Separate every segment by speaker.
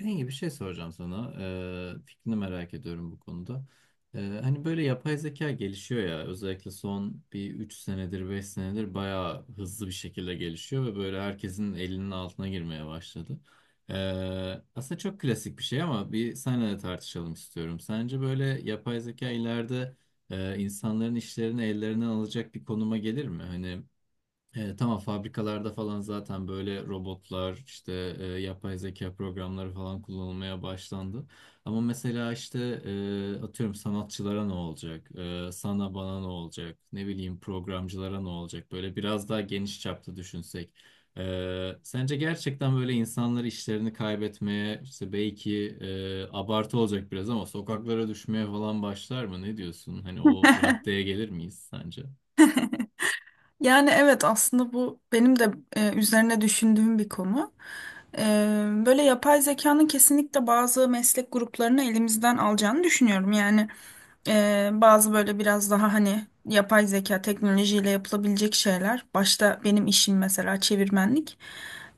Speaker 1: Bengi bir şey soracağım sana. Fikrini merak ediyorum bu konuda. Hani böyle yapay zeka gelişiyor ya özellikle son bir 3 senedir 5 senedir bayağı hızlı bir şekilde gelişiyor ve böyle herkesin elinin altına girmeye başladı. Aslında çok klasik bir şey ama bir seninle de tartışalım istiyorum. Sence böyle yapay zeka ileride insanların işlerini ellerinden alacak bir konuma gelir mi? Hani tamam fabrikalarda falan zaten böyle robotlar işte yapay zeka programları falan kullanılmaya başlandı. Ama mesela işte atıyorum sanatçılara ne olacak? Sana bana ne olacak? Ne bileyim programcılara ne olacak? Böyle biraz daha geniş çapta düşünsek. Sence gerçekten böyle insanlar işlerini kaybetmeye işte belki abartı olacak biraz ama sokaklara düşmeye falan başlar mı? Ne diyorsun? Hani o raddeye gelir miyiz sence?
Speaker 2: Yani evet aslında bu benim de üzerine düşündüğüm bir konu. E, böyle yapay zekanın kesinlikle bazı meslek gruplarını elimizden alacağını düşünüyorum. Yani bazı böyle biraz daha hani yapay zeka teknolojiyle yapılabilecek şeyler. Başta benim işim mesela çevirmenlik.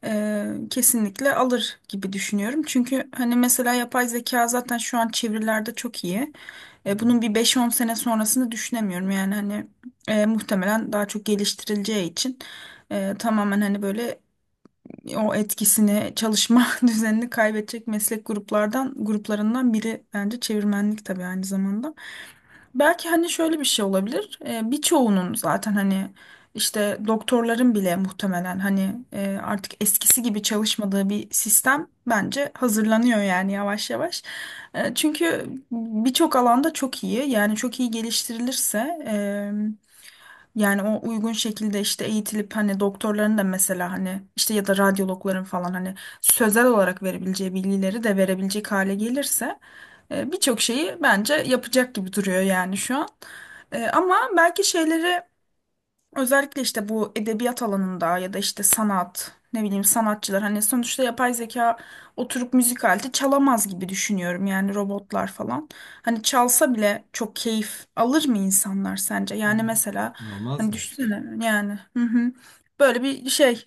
Speaker 2: Kesinlikle alır gibi düşünüyorum. Çünkü hani mesela yapay zeka zaten şu an çevirilerde çok iyi. E,
Speaker 1: Hı
Speaker 2: bunun bir 5-10 sene sonrasını düşünemiyorum. Yani hani muhtemelen daha çok geliştirileceği için tamamen hani böyle o etkisini çalışma düzenini kaybedecek meslek gruplarından biri bence çevirmenlik tabii aynı zamanda. Belki hani şöyle bir şey olabilir. Birçoğunun zaten hani işte doktorların bile muhtemelen hani artık eskisi gibi çalışmadığı bir sistem bence hazırlanıyor yani yavaş yavaş. Çünkü birçok alanda çok iyi, yani çok iyi geliştirilirse, yani o uygun şekilde işte eğitilip hani doktorların da mesela hani işte ya da radyologların falan hani sözel olarak verebileceği bilgileri de verebilecek hale gelirse birçok şeyi bence yapacak gibi duruyor yani şu an. Ama belki şeyleri. Özellikle işte bu edebiyat alanında ya da işte sanat, ne bileyim, sanatçılar hani sonuçta yapay zeka oturup müzik aleti çalamaz gibi düşünüyorum, yani robotlar falan. Hani çalsa bile çok keyif alır mı insanlar sence? Yani mesela
Speaker 1: hı. Almaz
Speaker 2: hani
Speaker 1: mı?
Speaker 2: düşünsene yani, hı hı, böyle bir şey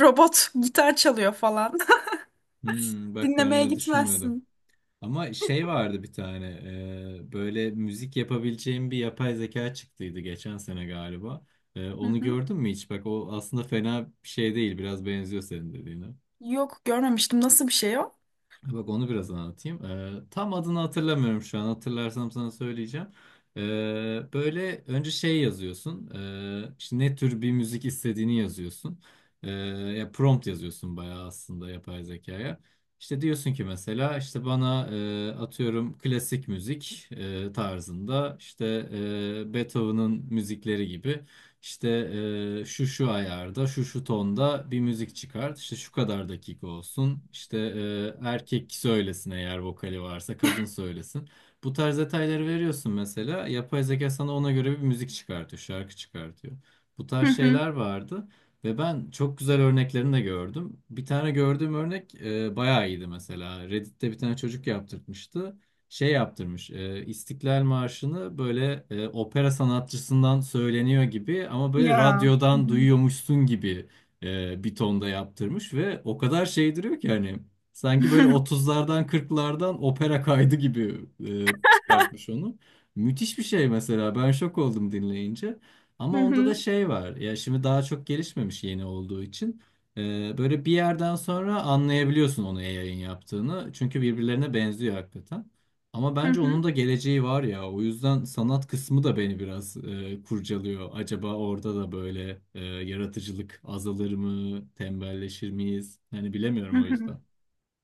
Speaker 2: robot gitar çalıyor falan.
Speaker 1: Hmm, bak ben
Speaker 2: Dinlemeye
Speaker 1: öyle düşünmüyordum.
Speaker 2: gitmezsin.
Speaker 1: Ama şey vardı bir tane böyle müzik yapabileceğim bir yapay zeka çıktıydı geçen sene galiba. E,
Speaker 2: Hı
Speaker 1: onu
Speaker 2: hı.
Speaker 1: gördün mü hiç? Bak o aslında fena bir şey değil. Biraz benziyor senin dediğine.
Speaker 2: Yok, görmemiştim. Nasıl bir şey o?
Speaker 1: Bak onu biraz anlatayım. Tam adını hatırlamıyorum şu an. Hatırlarsam sana söyleyeceğim. Ee, böyle önce şey yazıyorsun. İşte ne tür bir müzik istediğini yazıyorsun. Ee, ya prompt yazıyorsun bayağı aslında yapay zekaya. İşte diyorsun ki mesela işte bana atıyorum klasik müzik tarzında işte Beethoven'ın müzikleri gibi işte şu şu ayarda, şu şu tonda bir müzik çıkart. İşte şu kadar dakika olsun. İşte erkek söylesin eğer vokali varsa, kadın söylesin. Bu tarz detayları veriyorsun mesela. Yapay zeka sana ona göre bir müzik çıkartıyor, şarkı çıkartıyor. Bu
Speaker 2: Hı
Speaker 1: tarz
Speaker 2: hı.
Speaker 1: şeyler vardı. Ve ben çok güzel örneklerini de gördüm. Bir tane gördüğüm örnek bayağı iyiydi mesela. Reddit'te bir tane çocuk yaptırtmıştı şey yaptırmış. İstiklal Marşı'nı böyle opera sanatçısından söyleniyor gibi ama böyle
Speaker 2: Ya. Hı
Speaker 1: radyodan
Speaker 2: hı.
Speaker 1: duyuyormuşsun gibi bir tonda yaptırmış ve o kadar şey duruyor ki hani sanki böyle otuzlardan kırklardan opera kaydı gibi çıkartmış onu. Müthiş bir şey mesela. Ben şok oldum dinleyince.
Speaker 2: Hı
Speaker 1: Ama onda da
Speaker 2: hı.
Speaker 1: şey var. Ya şimdi daha çok gelişmemiş yeni olduğu için. Böyle bir yerden sonra anlayabiliyorsun onu yayın yaptığını. Çünkü birbirlerine benziyor hakikaten. Ama
Speaker 2: Hı
Speaker 1: bence onun
Speaker 2: hı.
Speaker 1: da geleceği var ya. O yüzden sanat kısmı da beni biraz kurcalıyor. Acaba orada da böyle yaratıcılık azalır mı? Tembelleşir miyiz? Yani
Speaker 2: Hı
Speaker 1: bilemiyorum o
Speaker 2: hı.
Speaker 1: yüzden.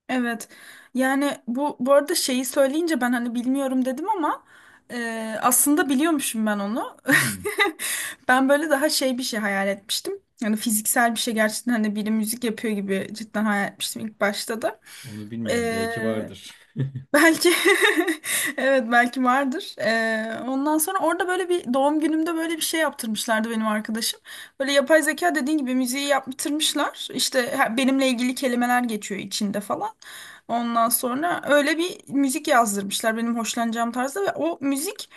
Speaker 2: Evet. Yani bu arada şeyi söyleyince ben hani bilmiyorum dedim, ama aslında biliyormuşum ben onu.
Speaker 1: Hmm,
Speaker 2: Ben böyle daha şey bir şey hayal etmiştim. Yani fiziksel bir şey, gerçekten hani biri müzik yapıyor gibi cidden hayal etmiştim ilk başta da.
Speaker 1: Onu bilmiyorum. Belki vardır.
Speaker 2: Belki evet belki vardır. Ondan sonra orada böyle bir doğum günümde böyle bir şey yaptırmışlardı benim arkadaşım. Böyle yapay zeka dediğin gibi müziği yaptırmışlar. İşte benimle ilgili kelimeler geçiyor içinde falan. Ondan sonra öyle bir müzik yazdırmışlar benim hoşlanacağım tarzda ve o müzik.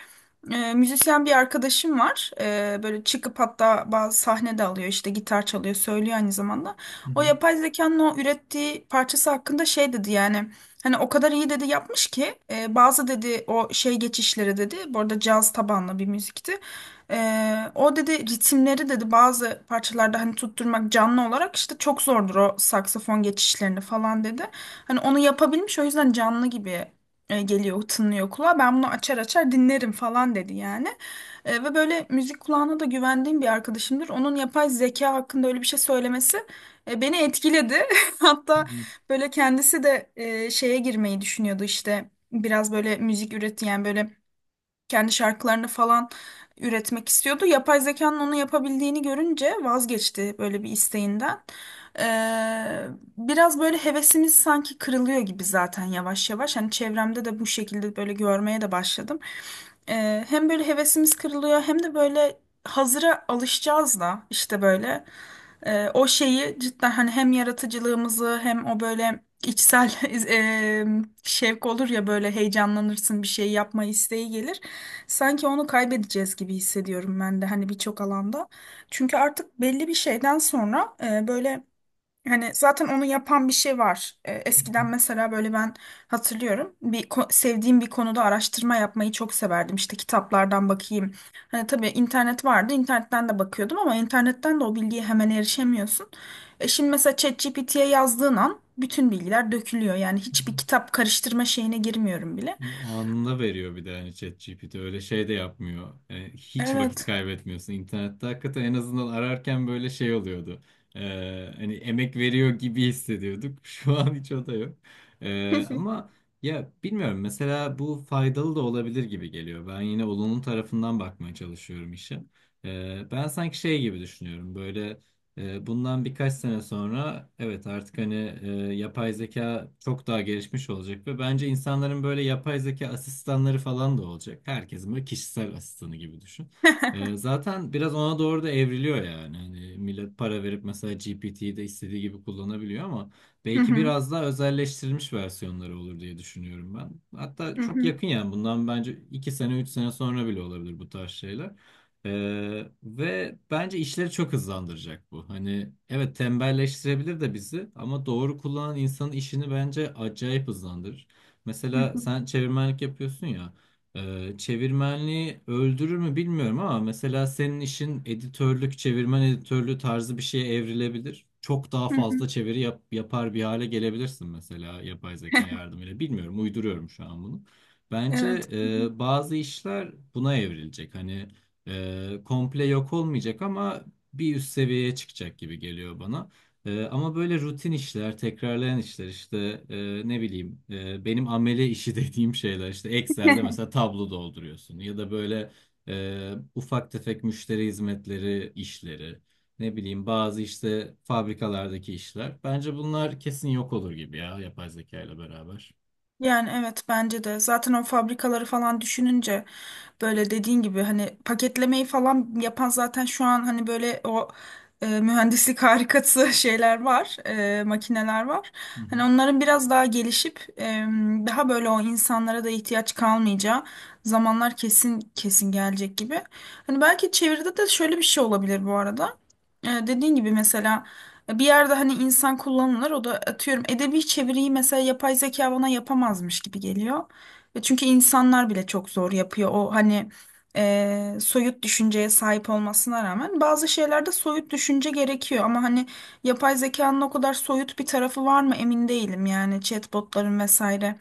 Speaker 2: Müzisyen bir arkadaşım var. Böyle çıkıp hatta bazı sahne de alıyor, işte gitar çalıyor, söylüyor aynı zamanda.
Speaker 1: Hı
Speaker 2: O
Speaker 1: hı.
Speaker 2: yapay zekanın o ürettiği parçası hakkında şey dedi, yani hani o kadar iyi dedi yapmış ki bazı dedi o şey geçişleri dedi, bu arada caz tabanlı bir müzikti. O dedi ritimleri dedi bazı parçalarda hani tutturmak canlı olarak işte çok zordur o saksafon geçişlerini falan dedi. Hani onu yapabilmiş, o yüzden canlı gibi geliyor, tınlıyor kulağa. Ben bunu açar açar dinlerim falan dedi yani. Ve böyle müzik kulağına da güvendiğim bir arkadaşımdır. Onun yapay zeka hakkında öyle bir şey söylemesi beni etkiledi.
Speaker 1: Hı
Speaker 2: Hatta
Speaker 1: hı.
Speaker 2: böyle kendisi de şeye girmeyi düşünüyordu işte. Biraz böyle müzik üret yani, böyle kendi şarkılarını falan üretmek istiyordu. Yapay zekanın onu yapabildiğini görünce vazgeçti böyle bir isteğinden. Ee, biraz böyle hevesimiz sanki kırılıyor gibi zaten, yavaş yavaş. Hani çevremde de bu şekilde böyle görmeye de başladım. Hem böyle hevesimiz kırılıyor, hem de böyle hazıra alışacağız da işte böyle. O şeyi cidden hani hem yaratıcılığımızı hem o böyle içsel e, şevk olur ya, böyle heyecanlanırsın, bir şey yapma isteği gelir. Sanki onu kaybedeceğiz gibi hissediyorum ben de hani birçok alanda. Çünkü artık belli bir şeyden sonra böyle hani zaten onu yapan bir şey var. Eskiden mesela böyle ben hatırlıyorum bir sevdiğim bir konuda araştırma yapmayı çok severdim. İşte kitaplardan bakayım. Hani tabii internet vardı, internetten de bakıyordum, ama internetten de o bilgiye hemen erişemiyorsun. Şimdi mesela ChatGPT'ye yazdığın an bütün bilgiler dökülüyor. Yani hiçbir kitap karıştırma şeyine girmiyorum bile.
Speaker 1: Yo, anında veriyor bir de hani ChatGPT öyle şey de yapmıyor. Yani hiç vakit
Speaker 2: Evet.
Speaker 1: kaybetmiyorsun. İnternette hakikaten en azından ararken böyle şey oluyordu. Hani emek veriyor gibi hissediyorduk. Şu an hiç o da yok. Ee, ama ya bilmiyorum mesela bu faydalı da olabilir gibi geliyor. Ben yine olumlu tarafından bakmaya çalışıyorum işe. Ben sanki şey gibi düşünüyorum böyle bundan birkaç sene sonra evet artık hani e, yapay zeka çok daha gelişmiş olacak ve bence insanların böyle yapay zeka asistanları falan da olacak. Herkesin böyle kişisel asistanı gibi düşün. Zaten biraz ona doğru da evriliyor yani. Hani millet para verip mesela GPT'yi de istediği gibi kullanabiliyor ama
Speaker 2: Hı
Speaker 1: belki
Speaker 2: hı.
Speaker 1: biraz daha özelleştirilmiş versiyonları olur diye düşünüyorum ben. Hatta
Speaker 2: Hı
Speaker 1: çok
Speaker 2: hı,
Speaker 1: yakın yani bundan bence 2 sene 3 sene sonra bile olabilir bu tarz şeyler. Ve bence işleri çok hızlandıracak bu. Hani evet tembelleştirebilir de bizi ama doğru kullanan insanın işini bence acayip hızlandırır.
Speaker 2: hı
Speaker 1: Mesela
Speaker 2: hı,
Speaker 1: sen çevirmenlik yapıyorsun ya. Çevirmenliği öldürür mü bilmiyorum ama mesela senin işin editörlük, çevirmen editörlüğü tarzı bir şeye evrilebilir. Çok daha
Speaker 2: hı hı.
Speaker 1: fazla çeviri yapar bir hale gelebilirsin mesela yapay zeka yardımıyla. Bilmiyorum, uyduruyorum şu an bunu. Bence
Speaker 2: Evet. Hı hı.
Speaker 1: bazı işler buna evrilecek. Hani komple yok olmayacak ama bir üst seviyeye çıkacak gibi geliyor bana. Ama böyle rutin işler, tekrarlayan işler işte ne bileyim benim amele işi dediğim şeyler işte Excel'de mesela tablo dolduruyorsun ya da böyle ufak tefek müşteri hizmetleri işleri ne bileyim bazı işte fabrikalardaki işler. Bence bunlar kesin yok olur gibi ya yapay zeka ile beraber.
Speaker 2: Yani evet, bence de. Zaten o fabrikaları falan düşününce böyle dediğin gibi hani paketlemeyi falan yapan zaten şu an hani böyle o mühendislik harikası şeyler var, makineler var.
Speaker 1: Hı hı.
Speaker 2: Hani onların biraz daha gelişip daha böyle o insanlara da ihtiyaç kalmayacağı zamanlar kesin kesin gelecek gibi. Hani belki çeviride de şöyle bir şey olabilir bu arada. Dediğin gibi mesela. Bir yerde hani insan kullanılır, o da atıyorum edebi çeviriyi mesela yapay zeka bana yapamazmış gibi geliyor. Ve çünkü insanlar bile çok zor yapıyor o hani soyut düşünceye sahip olmasına rağmen bazı şeylerde soyut düşünce gerekiyor. Ama hani yapay zekanın o kadar soyut bir tarafı var mı emin değilim, yani chatbotların vesaire,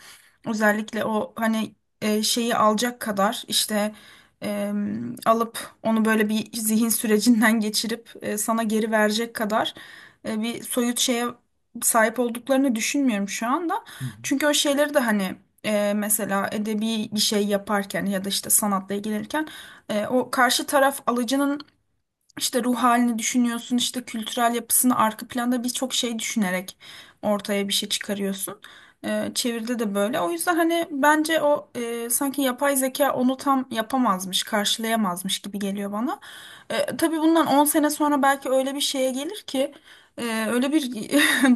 Speaker 2: özellikle o hani şeyi alacak kadar işte e, alıp onu böyle bir zihin sürecinden geçirip sana geri verecek kadar bir soyut şeye sahip olduklarını düşünmüyorum şu anda.
Speaker 1: Hı hı.
Speaker 2: Çünkü o şeyleri de hani mesela edebi bir şey yaparken ya da işte sanatla ilgilenirken o karşı taraf alıcının işte ruh halini düşünüyorsun, işte kültürel yapısını, arka planda birçok şey düşünerek ortaya bir şey çıkarıyorsun. Çeviride de böyle. O yüzden hani bence o sanki yapay zeka onu tam yapamazmış, karşılayamazmış gibi geliyor bana. Tabii bundan 10 sene sonra belki öyle bir şeye gelir ki, e, öyle bir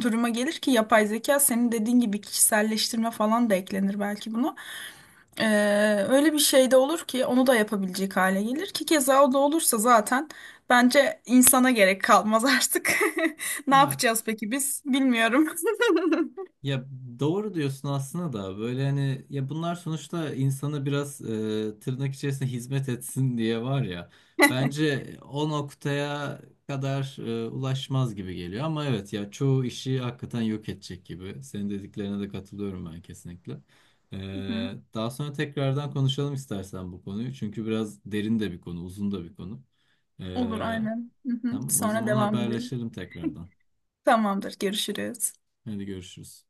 Speaker 2: duruma gelir ki yapay zeka, senin dediğin gibi kişiselleştirme falan da eklenir belki buna. Öyle bir şey de olur ki onu da yapabilecek hale gelir ki, keza o da olursa zaten bence insana gerek kalmaz artık. Ne
Speaker 1: Ya
Speaker 2: yapacağız peki biz? Bilmiyorum.
Speaker 1: Ya doğru diyorsun aslında da böyle hani ya bunlar sonuçta insanı biraz tırnak içerisinde hizmet etsin diye var ya. Bence o noktaya kadar ulaşmaz gibi geliyor ama evet ya çoğu işi hakikaten yok edecek gibi. Senin dediklerine de katılıyorum ben kesinlikle. E,
Speaker 2: Hı hı.
Speaker 1: daha sonra tekrardan konuşalım istersen bu konuyu. Çünkü biraz derin de bir konu, uzun da bir konu. E,
Speaker 2: Olur, aynen. Hı hı.
Speaker 1: tamam o
Speaker 2: Sonra
Speaker 1: zaman
Speaker 2: devam edelim.
Speaker 1: haberleşelim tekrardan.
Speaker 2: Tamamdır, görüşürüz.
Speaker 1: Hadi görüşürüz.